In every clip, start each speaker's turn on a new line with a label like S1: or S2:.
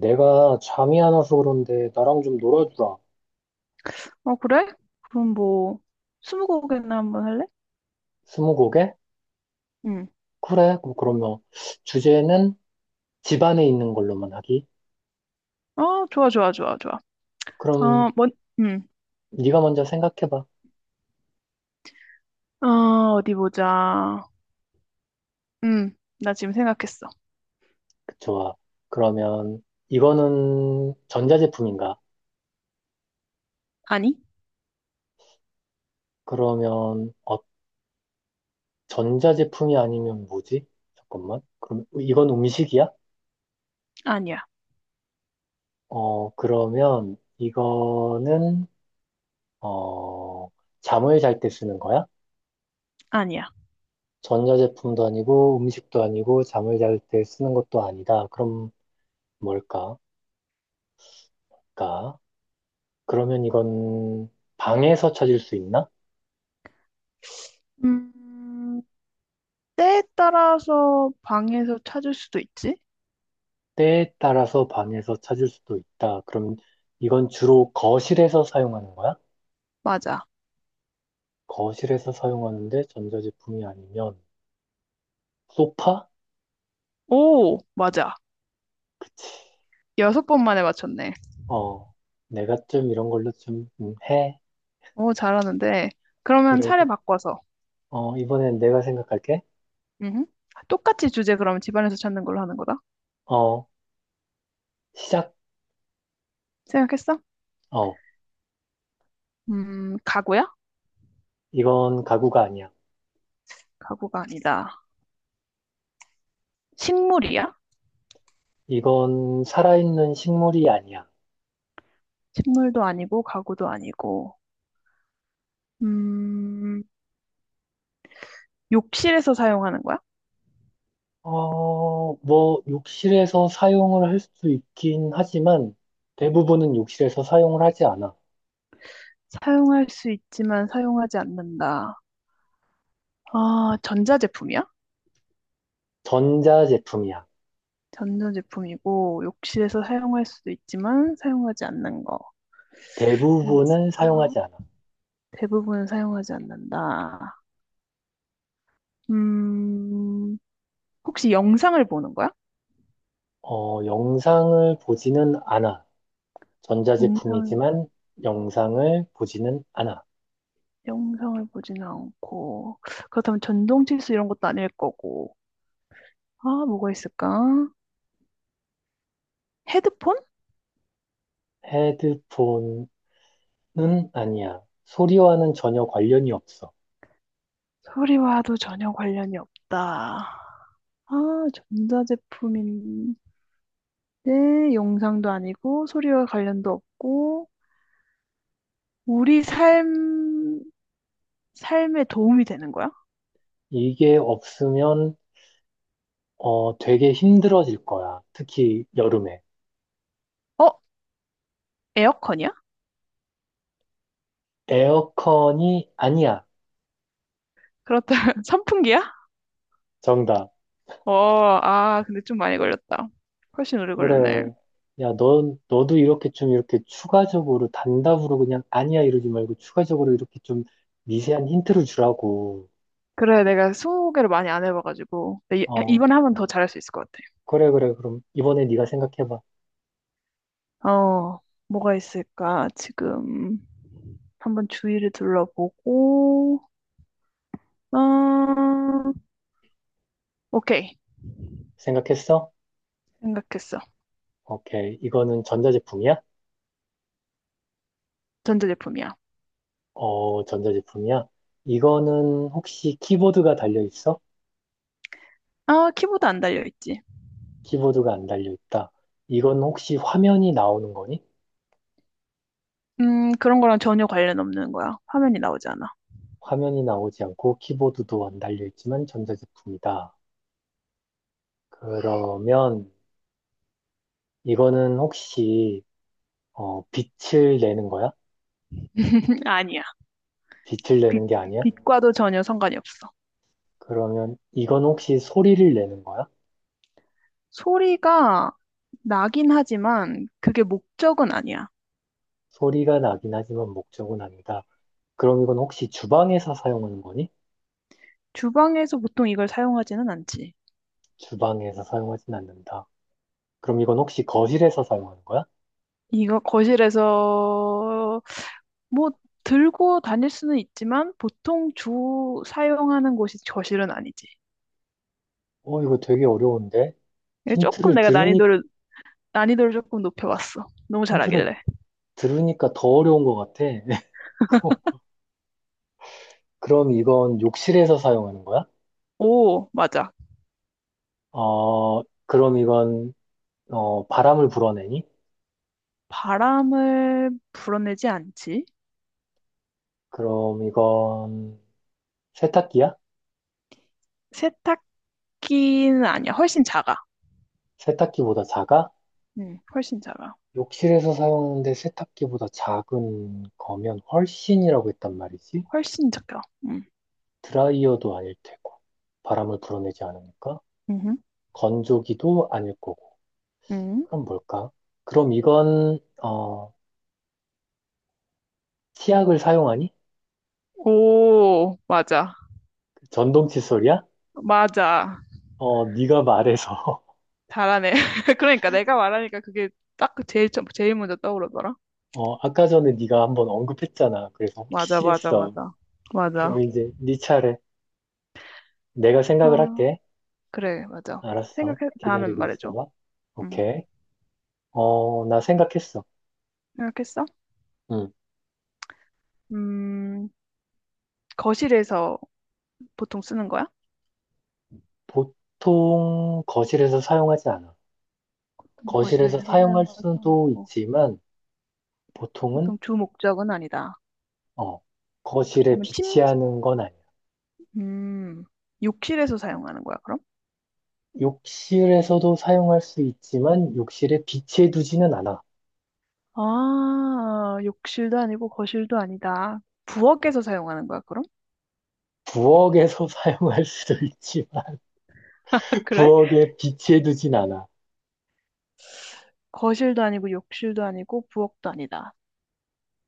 S1: 내가 잠이 안 와서 그런데 나랑 좀 놀아주라.
S2: 어, 그래? 그럼 뭐, 스무고개나 한번 할래?
S1: 스무고개?
S2: 응.
S1: 그래. 그럼 그러면 주제는 집 안에 있는 걸로만 하기.
S2: 어, 좋아, 좋아, 좋아, 좋아. 어,
S1: 그럼
S2: 응.
S1: 네가 먼저 생각해봐.
S2: 어, 어디 보자. 응. 나 지금 생각했어.
S1: 좋아. 그러면 이거는 전자제품인가?
S2: 아니?
S1: 그러면 전자제품이 아니면 뭐지? 잠깐만. 그럼 이건 음식이야?
S2: 아니야,
S1: 그러면 이거는 어, 잠을 잘 때 쓰는 거야?
S2: 아니야.
S1: 전자제품도 아니고 음식도 아니고 잠을 잘 때 쓰는 것도 아니다. 그럼 뭘까? 까? 그러면 이건 방에서 찾을 수 있나?
S2: 음, 때에 따라서 방에서 찾을 수도 있지?
S1: 때에 따라서 방에서 찾을 수도 있다. 그럼 이건 주로 거실에서 사용하는 거야?
S2: 맞아.
S1: 거실에서 사용하는데 전자제품이 아니면 소파?
S2: 오, 맞아. 여섯 번 만에 맞췄네.
S1: 어, 내가 좀 이런 걸로 좀 해.
S2: 오, 잘하는데. 그러면
S1: 그래,
S2: 차례 바꿔서.
S1: 어, 이번엔 내가 생각할게.
S2: 응. 똑같이 주제 그럼 집안에서 찾는 걸로 하는 거다.
S1: 어, 시작.
S2: 생각했어?
S1: 어,
S2: 가구야?
S1: 이건 가구가 아니야.
S2: 가구가 아니다. 식물이야?
S1: 이건 살아있는 식물이 아니야.
S2: 식물도 아니고 가구도 아니고 음, 욕실에서 사용하는 거야?
S1: 어, 뭐, 욕실에서 사용을 할 수 있긴 하지만 대부분은 욕실에서 사용을 하지 않아.
S2: 사용할 수 있지만 사용하지 않는다. 아, 전자제품이야?
S1: 전자제품이야.
S2: 전자제품이고 욕실에서 사용할 수도 있지만 사용하지 않는 거. 뭐
S1: 대부분은
S2: 있을까?
S1: 사용하지 않아.
S2: 대부분 사용하지 않는다. 음, 혹시 영상을 보는 거야?
S1: 영상을 보지는 않아.
S2: 영상,
S1: 전자제품이지만 영상을 보지는 않아.
S2: 영상을 보지는 않고 그렇다면 전동 칫솔 이런 것도 아닐 거고. 아, 뭐가 있을까? 헤드폰?
S1: 헤드폰은 아니야. 소리와는 전혀 관련이 없어.
S2: 소리와도 전혀 관련이 없다. 아, 전자제품인데 영상도 아니고 소리와 관련도 없고 우리 삶 삶에 도움이 되는 거야?
S1: 이게 없으면 되게 힘들어질 거야. 특히 여름에.
S2: 어, 에어컨이야?
S1: 에어컨이 아니야.
S2: 그렇다면 선풍기야?
S1: 정답.
S2: 어, 아, 근데 좀 많이 걸렸다. 훨씬 오래 걸렸네.
S1: 그래. 야, 넌, 너도 이렇게 좀 이렇게 추가적으로 단답으로 그냥 아니야 이러지 말고 추가적으로 이렇게 좀 미세한 힌트를 주라고.
S2: 그래, 내가 소개를 많이 안 해봐가지고 근데 이-
S1: 어,
S2: 이번에 하면 더 잘할 수 있을 것
S1: 그래, 그래. 그럼 이번에 네가 생각해봐.
S2: 같아. 어, 뭐가 있을까? 지금 한번 주위를 둘러보고. 어... 오케이.
S1: 생각했어?
S2: 생각했어.
S1: 오케이. 이거는 전자제품이야?
S2: 전자제품이야.
S1: 어, 전자제품이야? 이거는 혹시 키보드가 달려있어?
S2: 아, 키보드 안 달려있지.
S1: 키보드가 안 달려있다. 이건 혹시 화면이 나오는 거니?
S2: 그런 거랑 전혀 관련 없는 거야. 화면이 나오지 않아.
S1: 화면이 나오지 않고 키보드도 안 달려있지만 전자제품이다. 그러면 이거는 혹시 빛을 내는 거야?
S2: 아니야.
S1: 빛을
S2: 빛,
S1: 내는 게 아니야?
S2: 빛과도 전혀 상관이 없어.
S1: 그러면 이건 혹시 소리를 내는 거야?
S2: 소리가 나긴 하지만 그게 목적은 아니야.
S1: 소리가 나긴 하지만 목적은 아니다. 그럼 이건 혹시 주방에서 사용하는 거니?
S2: 주방에서 보통 이걸 사용하지는 않지.
S1: 주방에서 사용하진 않는다. 그럼 이건 혹시 거실에서 사용하는 거야?
S2: 이거 거실에서 뭐 들고 다닐 수는 있지만 보통 주 사용하는 곳이 거실은 아니지.
S1: 어, 이거 되게 어려운데?
S2: 이게 조금
S1: 힌트를
S2: 내가
S1: 들으니,
S2: 난이도를 조금 높여봤어. 너무
S1: 힌트를
S2: 잘하길래.
S1: 들으니까 더 어려운 것 같아. 그- 그럼 이건 욕실에서 사용하는 거야?
S2: 오, 맞아.
S1: 어, 그럼 이건 바람을 불어내니?
S2: 바람을 불어내지 않지.
S1: 그럼 이건 세탁기야?
S2: 세탁기는 아니야. 훨씬 작아.
S1: 세탁기보다 작아?
S2: 훨씬 작아.
S1: 욕실에서 사용하는데 세탁기보다 작은 거면 훨씬이라고 했단 말이지?
S2: 훨씬 작아.
S1: 드라이어도 아닐 테고, 바람을 불어내지 않으니까,
S2: 음,
S1: 건조기도 아닐 거고,
S2: 음.
S1: 그럼 뭘까? 그럼 이건, 어, 치약을 사용하니?
S2: 오, 맞아.
S1: 그 전동 칫솔이야?
S2: 맞아.
S1: 어, 네가 말해서,
S2: 잘하네. 그러니까 내가 말하니까 그게 딱 그 제일, 제일 먼저 떠오르더라.
S1: 어, 아까 전에 네가 한번 언급했잖아. 그래서
S2: 맞아,
S1: 혹시
S2: 맞아,
S1: 했어.
S2: 맞아. 맞아.
S1: 그럼 이제 네 차례. 내가 생각을
S2: 아,
S1: 할게.
S2: 그래, 맞아.
S1: 알았어.
S2: 생각해, 다음엔
S1: 기다리고
S2: 말해줘.
S1: 있어봐.
S2: 음,
S1: 오케이. 어, 나 생각했어.
S2: 생각했어?
S1: 음,
S2: 음, 거실에서 보통 쓰는 거야?
S1: 보통 거실에서 사용하지 않아. 거실에서
S2: 거실에서
S1: 사용할
S2: 사용하지
S1: 수도
S2: 않고.
S1: 있지만, 보통은,
S2: 보통 주 목적은 아니다.
S1: 어, 거실에
S2: 그렇다면
S1: 비치하는 건 아니야.
S2: 음, 욕실에서 사용하는 거야, 그럼?
S1: 욕실에서도 사용할 수 있지만, 욕실에 비치해두지는 않아.
S2: 아, 욕실도 아니고 거실도 아니다. 부엌에서 사용하는 거야, 그럼?
S1: 부엌에서 사용할 수도 있지만,
S2: 그래?
S1: 부엌에 비치해두진 않아.
S2: 거실도 아니고 욕실도 아니고 부엌도 아니다.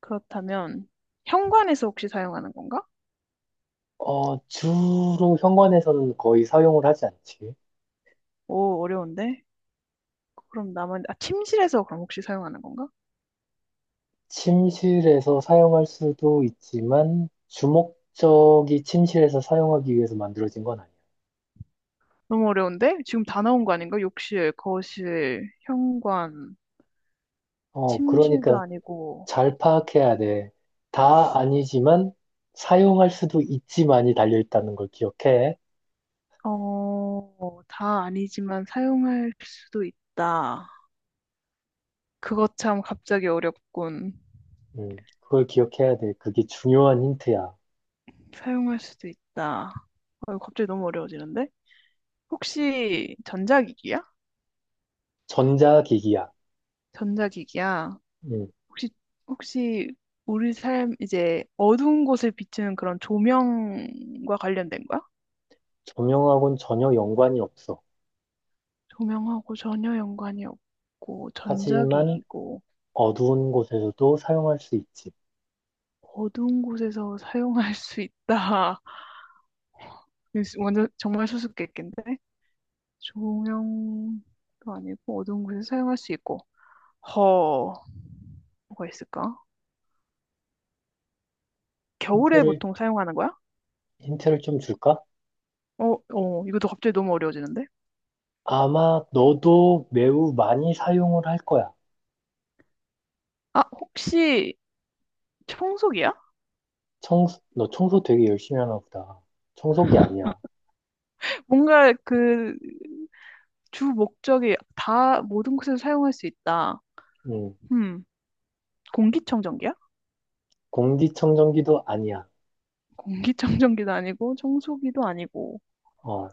S2: 그렇다면 현관에서 혹시 사용하는 건가?
S1: 어, 주로 현관에서는 거의 사용을 하지 않지.
S2: 오, 어려운데? 그럼 남은, 아, 침실에서 그럼 혹시 사용하는 건가?
S1: 침실에서 사용할 수도 있지만 주목적이 침실에서 사용하기 위해서 만들어진 건 아니야.
S2: 너무 어려운데? 지금 다 나온 거 아닌가? 욕실, 거실, 현관,
S1: 어,
S2: 침실도
S1: 그러니까
S2: 아니고
S1: 잘 파악해야 돼. 다 아니지만 사용할 수도 있지만이 달려 있다는 걸 기억해.
S2: 어, 다 아니지만 사용할 수도 있다. 그거 참 갑자기 어렵군.
S1: 그걸 기억해야 돼. 그게 중요한 힌트야.
S2: 사용할 수도 있다. 어, 이거 갑자기 너무 어려워지는데? 혹시 전자기기야?
S1: 전자기기야.
S2: 전자기기야.
S1: 음,
S2: 혹시, 혹시 우리 삶, 이제 어두운 곳을 비추는 그런 조명과 관련된 거야?
S1: 조명하고는 전혀 연관이 없어.
S2: 조명하고 전혀 연관이 없고,
S1: 하지만
S2: 전자기기고,
S1: 어두운 곳에서도 사용할 수 있지.
S2: 어두운 곳에서 사용할 수 있다. 완전, 정말 수수께끼인데? 조명도 아니고 어두운 곳에서 사용할 수 있고. 허, 뭐가 있을까? 겨울에
S1: 힌트를,
S2: 보통 사용하는 거야?
S1: 힌트를 좀 줄까?
S2: 어, 이것도 갑자기 너무 어려워지는데?
S1: 아마 너도 매우 많이 사용을 할 거야.
S2: 아, 혹시 청소기야?
S1: 청소, 너 청소 되게 열심히 하나 보다. 청소기 아니야.
S2: 뭔가 그 주 목적이 다 모든 곳에서 사용할 수 있다.
S1: 음,
S2: 음, 공기청정기야?
S1: 공기청정기도 아니야.
S2: 공기청정기도 아니고 청소기도 아니고.
S1: 어,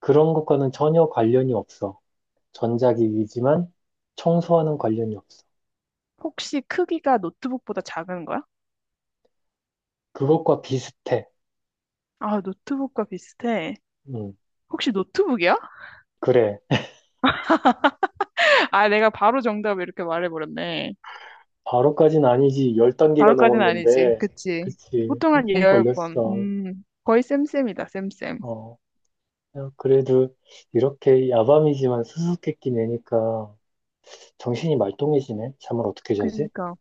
S1: 그런 것과는 전혀 관련이 없어. 전자기기지만 청소하는 관련이 없어.
S2: 혹시 크기가 노트북보다 작은 거야?
S1: 그것과 비슷해.
S2: 아, 노트북과 비슷해.
S1: 음,
S2: 혹시 노트북이야?
S1: 그래.
S2: 아, 내가 바로 정답을 이렇게 말해버렸네.
S1: 바로까진 아니지. 10단계가
S2: 바로까지는 아니지.
S1: 넘었는데.
S2: 그치.
S1: 그치.
S2: 보통 한
S1: 한참
S2: 열 번.
S1: 걸렸어.
S2: 거의 쌤쌤이다, 쌤쌤.
S1: 어, 야, 그래도 이렇게 야밤이지만 수수께끼 내니까 정신이 말똥해지네. 잠을 어떻게 자지?
S2: 그니까.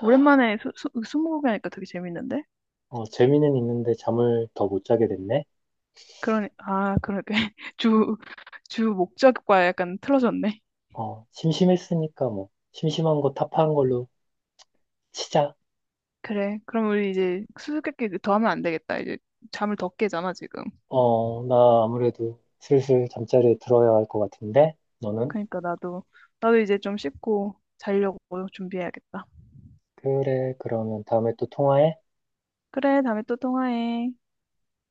S2: 오랜만에 스무고개 하니까 되게 재밌는데?
S1: 어, 재미는 있는데 잠을 더 못 자게 됐네.
S2: 그러니, 아, 그러게. 주, 주 목적과 약간 틀어졌네.
S1: 어, 심심했으니까 뭐, 심심한 거 타파한 걸로 치자.
S2: 그래. 그럼 우리 이제 수수께끼 더 하면 안 되겠다. 이제 잠을 더 깨잖아, 지금.
S1: 어, 나 아무래도 슬슬 잠자리에 들어야 할 것 같은데? 너는?
S2: 그니까 나도 이제 좀 씻고 자려고 준비해야겠다.
S1: 그래, 그러면 다음에 또 통화해.
S2: 그래, 다음에 또 통화해.